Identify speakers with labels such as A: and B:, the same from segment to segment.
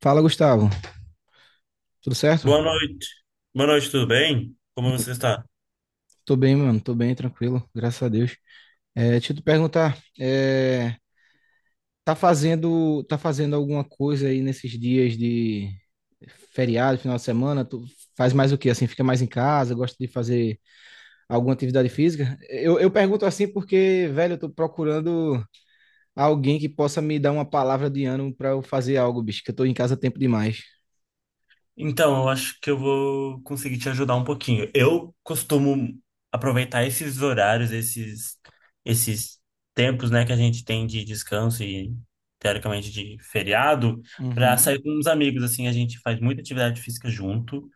A: Fala, Gustavo. Tudo certo?
B: Boa noite. Boa noite, tudo bem? Como você está?
A: Tô bem, mano. Tô bem, tranquilo. Graças a Deus. Deixa eu te perguntar, tá fazendo alguma coisa aí nesses dias de feriado, final de semana? Tu faz mais o quê? Assim, fica mais em casa? Gosta de fazer alguma atividade física? Eu pergunto assim porque, velho, eu tô procurando alguém que possa me dar uma palavra de ânimo pra eu fazer algo, bicho, que eu tô em casa tempo demais.
B: Então, eu acho que eu vou conseguir te ajudar um pouquinho. Eu costumo aproveitar esses horários, esses tempos, né, que a gente tem de descanso e teoricamente de feriado, para
A: Uhum.
B: sair com uns amigos assim. A gente faz muita atividade física junto.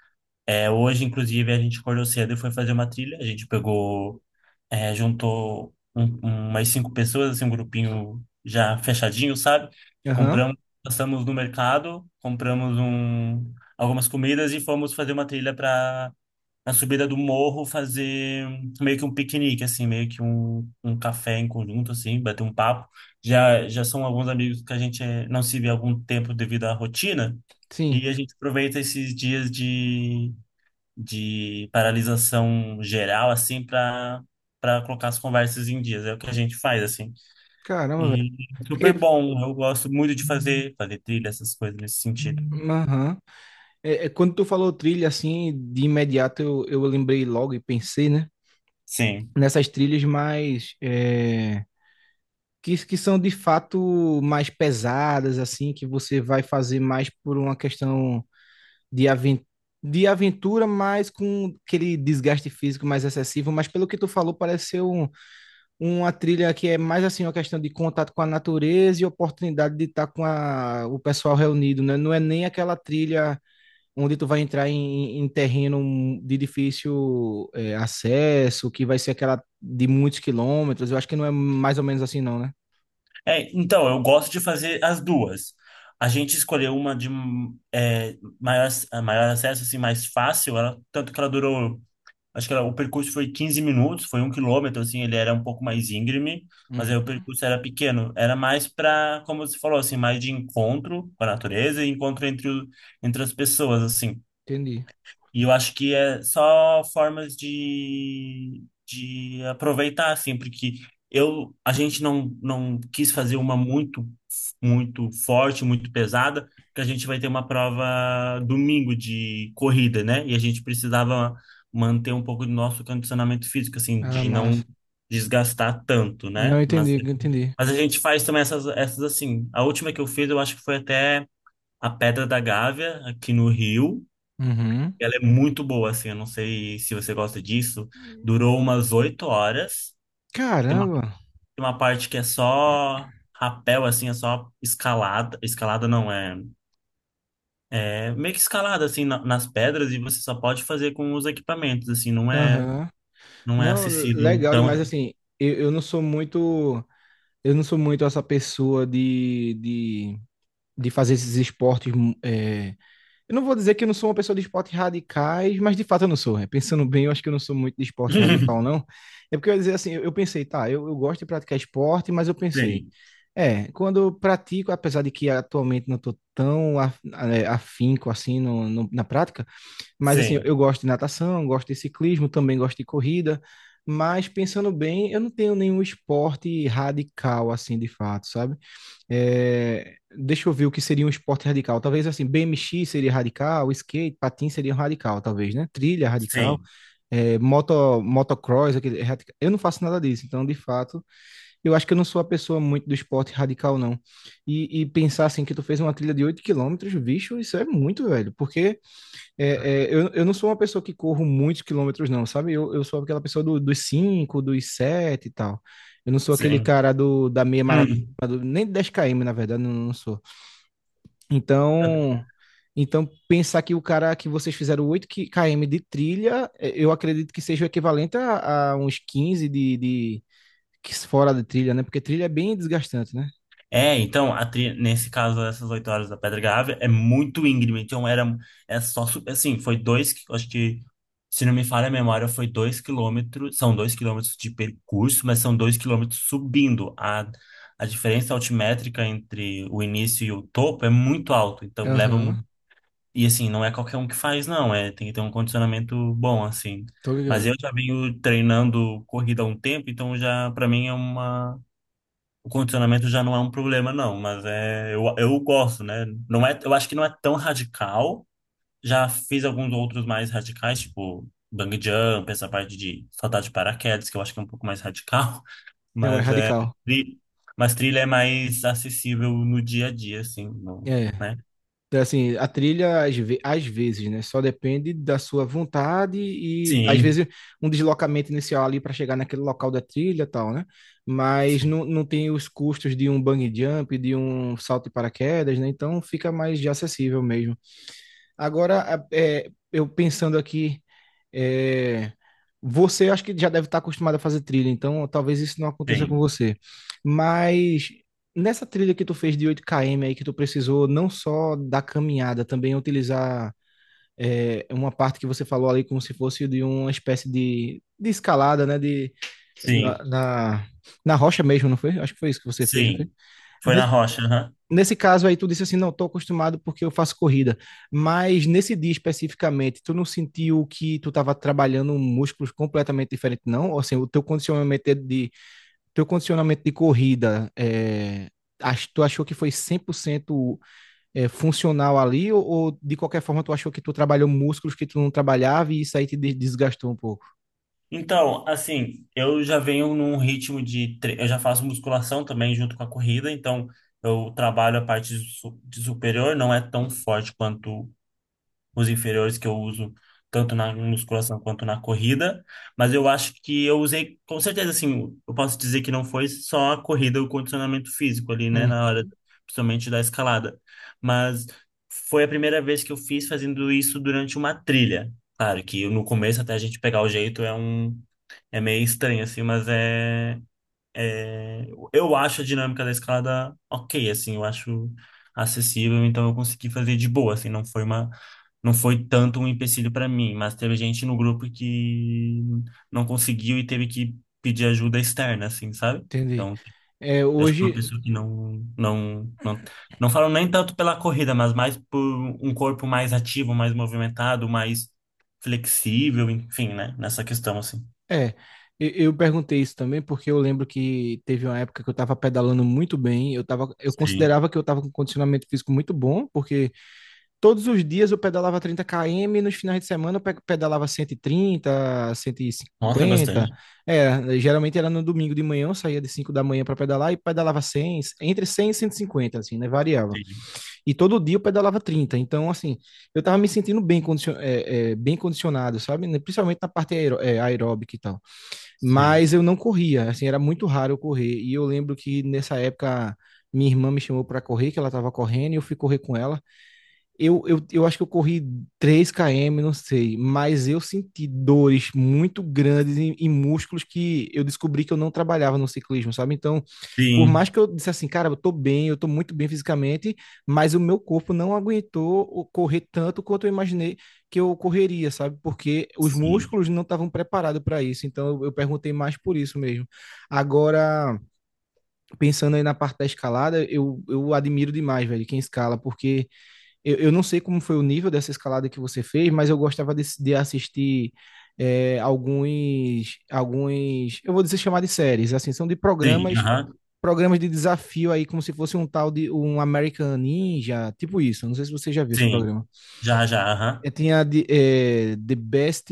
B: É, hoje, inclusive, a gente acordou cedo e foi fazer uma trilha. A gente pegou é, juntou umas cinco pessoas, assim, um grupinho já fechadinho, sabe?
A: Aham.
B: Compramos, passamos no mercado, compramos algumas comidas e fomos fazer uma trilha para na subida do morro fazer meio que um piquenique, assim, meio que um café em conjunto, assim, bater um papo. Já, já são alguns amigos que a gente não se vê há algum tempo devido à rotina.
A: Sim.
B: E a gente aproveita esses dias de paralisação geral, assim, para para colocar as conversas em dias. É o que a gente faz, assim.
A: Caramba, velho.
B: E super
A: Fiquei-
B: bom. Eu gosto muito de fazer, fazer trilha, essas coisas nesse sentido.
A: Aham. Quando tu falou trilha, assim, de imediato eu lembrei logo e pensei, né?
B: Sim.
A: Nessas trilhas mais, que são de fato mais pesadas, assim, que você vai fazer mais por uma questão de, aven de aventura, mas com aquele desgaste físico mais excessivo. Mas pelo que tu falou, parece ser uma trilha que é mais assim uma questão de contato com a natureza e oportunidade de estar com o pessoal reunido, né? Não é nem aquela trilha onde tu vai entrar em terreno de difícil acesso, que vai ser aquela de muitos quilômetros. Eu acho que não é mais ou menos assim, não, né?
B: É, então, eu gosto de fazer as duas. A gente escolheu uma de maior, maior acesso, assim, mais fácil. Ela, tanto que ela durou, acho que era- o percurso foi 15 minutos, foi um quilômetro, assim. Ele era um pouco mais íngreme, mas
A: Hum,
B: aí o percurso era pequeno. Era mais para, como você falou, assim, mais de encontro com a natureza e encontro entre as pessoas, assim.
A: entendi.
B: E eu acho que é só formas de aproveitar, assim, porque a gente não quis fazer uma muito, muito forte, muito pesada, porque a gente vai ter uma prova domingo de corrida, né? E a gente precisava manter um pouco do nosso condicionamento físico, assim,
A: Ah,
B: de
A: massa.
B: não desgastar tanto,
A: Não
B: né?
A: entendi, entendi.
B: Mas a gente faz também essas, essas assim. A última que eu fiz, eu acho que foi até a Pedra da Gávea, aqui no Rio.
A: Uhum.
B: Ela é muito boa, assim, eu não sei se você gosta disso. Durou umas oito horas.
A: Caramba.
B: Tem uma parte que é só rapel, assim, é só escalada. Escalada não, é, é meio que escalada, assim, nas pedras, e você só pode fazer com os equipamentos, assim. Não é,
A: Aham.
B: não é
A: Não,
B: acessível
A: legal
B: tão...
A: demais assim. Eu não sou muito, eu não sou muito essa pessoa de fazer esses esportes. Eu não vou dizer que eu não sou uma pessoa de esportes radicais, mas de fato eu não sou, né? Pensando bem, eu acho que eu não sou muito de esporte radical, não. É porque eu ia dizer assim, eu pensei, tá, eu gosto de praticar esporte, mas eu pensei,
B: Sim,
A: quando eu pratico, apesar de que atualmente não estou tão afinco assim na prática. Mas assim,
B: sim,
A: eu gosto de natação, gosto de ciclismo, também gosto de corrida, mas pensando bem, eu não tenho nenhum esporte radical assim de fato, sabe? Deixa eu ver o que seria um esporte radical. Talvez assim, BMX seria radical, skate, patins seria radical, talvez, né? Trilha radical.
B: sim,
A: É, moto, motocross, aquele, é radical. Eu não faço nada disso, então de fato, eu acho que eu não sou a pessoa muito do esporte radical, não. E pensar assim que tu fez uma trilha de 8 km, bicho, isso é muito, velho, porque é, eu não sou uma pessoa que corro muitos quilômetros, não, sabe? Eu sou aquela pessoa dos 5, dos 7 e tal. Eu não sou aquele
B: sim.
A: cara da meia maratona,
B: Hum.
A: nem 10 km, na verdade, não, não sou. Então, então, pensar que o cara que vocês fizeram km de trilha, é, eu acredito que seja o equivalente a uns 15 de que fora de trilha, né? Porque trilha é bem desgastante, né?
B: É, então, a nesse caso, essas oito horas da Pedra Gávea é muito íngreme. Então, era, é só, assim, foi dois, acho que, se não me falha a memória, foi dois quilômetros. São dois quilômetros de percurso, mas são dois quilômetros subindo. A diferença altimétrica entre o início e o topo é muito alto. Então, leva,
A: Aham,
B: um- e assim, não é qualquer um que faz, não. É, tem que ter um condicionamento bom, assim.
A: tô
B: Mas
A: ligado.
B: eu já venho treinando corrida há um tempo, então já, para mim, é uma o condicionamento já não é um problema, não, mas é, eu gosto, né? Não é, eu acho que não é tão radical. Já fiz alguns outros mais radicais, tipo bang jump, essa parte de saltar de paraquedas, que eu acho que é um pouco mais radical,
A: Não, é
B: mas é,
A: radical.
B: tri- mas trilha é mais acessível no dia a dia, assim, no,
A: É.
B: né?
A: Então, assim, a trilha às vezes, né? Só depende da sua vontade e às
B: Sim,
A: vezes um deslocamento inicial ali para chegar naquele local da trilha e tal, né? Mas
B: sim,
A: não, não tem os custos de um bungee jump, de um salto de paraquedas, né? Então fica mais de acessível mesmo. Agora, eu pensando aqui, é, você acho que já deve estar acostumado a fazer trilha, então talvez isso não aconteça com
B: sim,
A: você. Mas nessa trilha que tu fez de 8 km aí, que tu precisou não só da caminhada, também utilizar uma parte que você falou ali como se fosse de uma espécie de escalada, né? De, na,
B: sim,
A: na, na rocha mesmo, não foi? Acho que foi isso que você fez, não foi?
B: sim. Foi na rocha, aham.
A: Nesse caso aí, tu disse assim, não, estou acostumado porque eu faço corrida, mas nesse dia especificamente, tu não sentiu que tu estava trabalhando músculos completamente diferente, não? Ou assim, o teu condicionamento teu condicionamento de corrida, tu achou que foi 100% funcional ali, ou de qualquer forma tu achou que tu trabalhou músculos que tu não trabalhava e isso aí te desgastou um pouco?
B: Então, assim, eu já venho num ritmo de. Eu já faço musculação também junto com a corrida, então eu trabalho a parte de superior, não é tão forte quanto os inferiores que eu uso, tanto na musculação quanto na corrida. Mas eu acho que eu usei, com certeza, assim, eu posso dizer que não foi só a corrida, o condicionamento físico ali, né,
A: Hum,
B: na hora, principalmente da escalada. Mas foi a primeira vez que eu fiz fazendo isso durante uma trilha. Claro que no começo, até a gente pegar o jeito, é meio estranho, assim, mas é, é- Eu acho a dinâmica da escalada ok, assim, eu acho acessível, então eu consegui fazer de boa, assim, não foi uma... Não foi tanto um empecilho para mim, mas teve gente no grupo que não conseguiu e teve que pedir ajuda externa, assim, sabe?
A: entendi.
B: Então,
A: É,
B: eu acho que é uma
A: hoje,
B: pessoa que não falo nem tanto pela corrida, mas mais por um corpo mais ativo, mais movimentado, mais flexível, enfim, né? Nessa questão, assim.
A: é, eu perguntei isso também porque eu lembro que teve uma época que eu estava pedalando muito bem, eu tava, eu
B: Sim.
A: considerava que eu estava com condicionamento físico muito bom, porque todos os dias eu pedalava 30 km, nos finais de semana eu pedalava 130,
B: Nossa,
A: 150.
B: bastante.
A: É, geralmente era no domingo de manhã, eu saía de 5 da manhã para pedalar e pedalava 100, entre 100 e 150, assim, né? Variava.
B: Sim,
A: E todo dia eu pedalava 30. Então, assim, eu tava me sentindo bem, bem condicionado, sabe? Né, principalmente na parte aeróbica e tal.
B: sim.
A: Mas eu não corria, assim, era muito raro eu correr. E eu lembro que nessa época minha irmã me chamou para correr, que ela tava correndo, e eu fui correr com ela. Eu acho que eu corri 3 km, não sei, mas eu senti dores muito grandes em músculos que eu descobri que eu não trabalhava no ciclismo, sabe? Então, por mais
B: Sim,
A: que eu disse assim, cara, eu tô bem, eu tô muito bem fisicamente, mas o meu corpo não aguentou correr tanto quanto eu imaginei que eu correria, sabe? Porque os
B: sim.
A: músculos não estavam preparados para isso. Então, eu perguntei mais por isso mesmo. Agora, pensando aí na parte da escalada, eu admiro demais, velho, quem escala, porque eu não sei como foi o nível dessa escalada que você fez, mas eu gostava de assistir alguns, eu vou dizer chamar de séries, assim, são de
B: Sim,
A: programas,
B: aham,
A: programas de desafio aí, como se fosse um tal de um American Ninja, tipo isso. Não sei se você já viu esse
B: sim.
A: programa.
B: Já, já, aham.
A: Tinha The Best,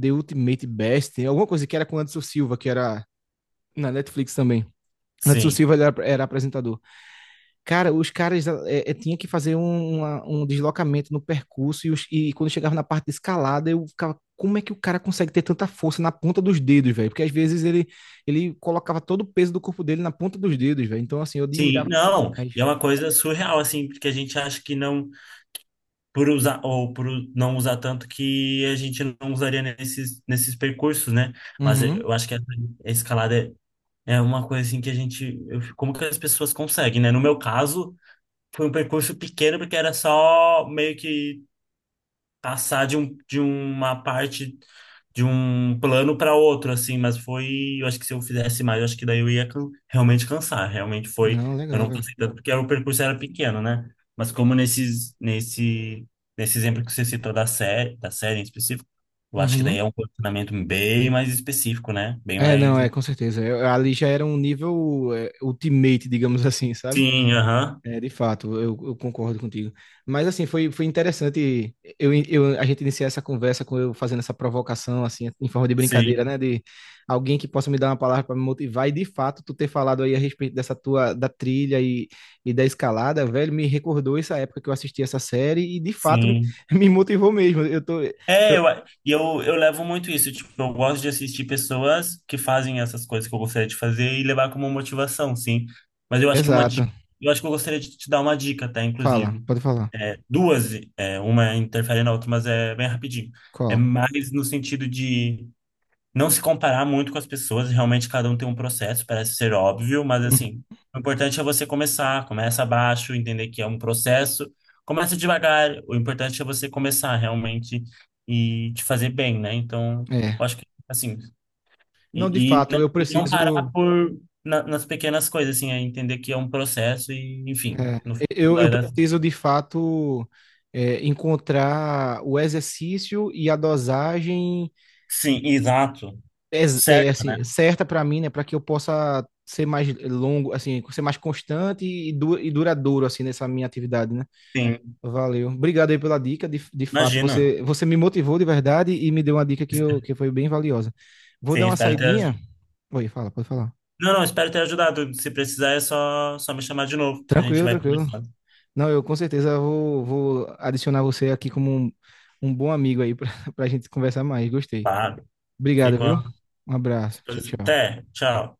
A: The Ultimate Best, alguma coisa que era com o Anderson Silva, que era na Netflix também. Anderson
B: Sim.
A: Silva, ele era apresentador. Cara, os caras tinha que fazer um deslocamento no percurso e quando chegava na parte de escalada, eu ficava, como é que o cara consegue ter tanta força na ponta dos dedos, velho? Porque às vezes ele colocava todo o peso do corpo dele na ponta dos dedos, velho. Então, assim, eu
B: Sim,
A: admirava
B: não.
A: demais.
B: E é uma coisa surreal, assim, porque a gente acha que não, por usar, ou por não usar tanto, que a gente não usaria nesses, nesses percursos, né? Mas eu
A: Uhum.
B: eu acho que essa escalada é, é uma coisa, assim, que a gente. Como que as pessoas conseguem, né? No meu caso, foi um percurso pequeno, porque era só meio que passar de uma parte de um plano para outro, assim, mas foi, eu acho que se eu fizesse mais, eu acho que daí eu ia realmente cansar, realmente foi,
A: Não,
B: eu
A: legal,
B: não
A: velho.
B: cansei tanto porque o percurso era pequeno, né? Mas como nesses, nesse, nesse exemplo que você citou da série em específico, eu acho que daí
A: Uhum.
B: é um condicionamento bem mais específico, né? Bem
A: É, não,
B: mais...
A: é, com certeza. Ali já era um nível ultimate, digamos assim, sabe?
B: Sim, aham,
A: É, de fato, eu concordo contigo. Mas assim, foi interessante a gente iniciar essa conversa com eu fazendo essa provocação, assim, em forma de brincadeira,
B: sim,
A: né? De alguém que possa me dar uma palavra para me motivar, e de fato, tu ter falado aí a respeito dessa tua da trilha e da escalada, velho, me recordou essa época que eu assisti essa série e de fato
B: sim.
A: me motivou mesmo.
B: É, e eu levo muito isso. Tipo, eu gosto de assistir pessoas que fazem essas coisas que eu gostaria de fazer e levar como motivação, sim. Mas eu acho que uma
A: Exato.
B: dica, eu acho que eu gostaria de te dar uma dica, tá?
A: Fala,
B: Inclusive,
A: pode falar.
B: é, duas, é, uma interfere na outra, mas é bem rapidinho. É
A: Qual?
B: mais no sentido de não se comparar muito com as pessoas, realmente cada um tem um processo, parece ser óbvio, mas
A: Uhum.
B: assim, o importante é você começar, começa abaixo, entender que é um processo, começa devagar, o importante é você começar realmente e te fazer bem, né? Então,
A: É.
B: eu acho que assim,
A: Não, de fato, eu
B: e não parar
A: preciso.
B: por nas pequenas coisas, assim, é entender que é um processo e, enfim,
A: É,
B: no final
A: eu
B: vai dar.
A: preciso de fato encontrar o exercício e a dosagem
B: Sim, exato. Certo, né?
A: assim, certa para mim, né, para que eu possa ser mais longo, assim, ser mais constante e duradouro assim nessa minha atividade, né?
B: Sim,
A: Valeu. Obrigado aí pela dica, de fato,
B: imagina.
A: você me motivou de verdade e me deu uma dica que, que foi bem valiosa. Vou dar
B: Sim,
A: uma
B: espero ter
A: saidinha. Oi, fala, pode falar.
B: Não, não, espero ter ajudado. Se precisar, é só, só me chamar de novo, que a gente
A: Tranquilo,
B: vai
A: tranquilo.
B: conversando.
A: Não, eu com certeza vou adicionar você aqui como um bom amigo aí para a gente conversar mais. Gostei.
B: Claro,
A: Obrigado,
B: fico à
A: viu? Um abraço. Tchau,
B: disposição.
A: tchau.
B: Até, tchau.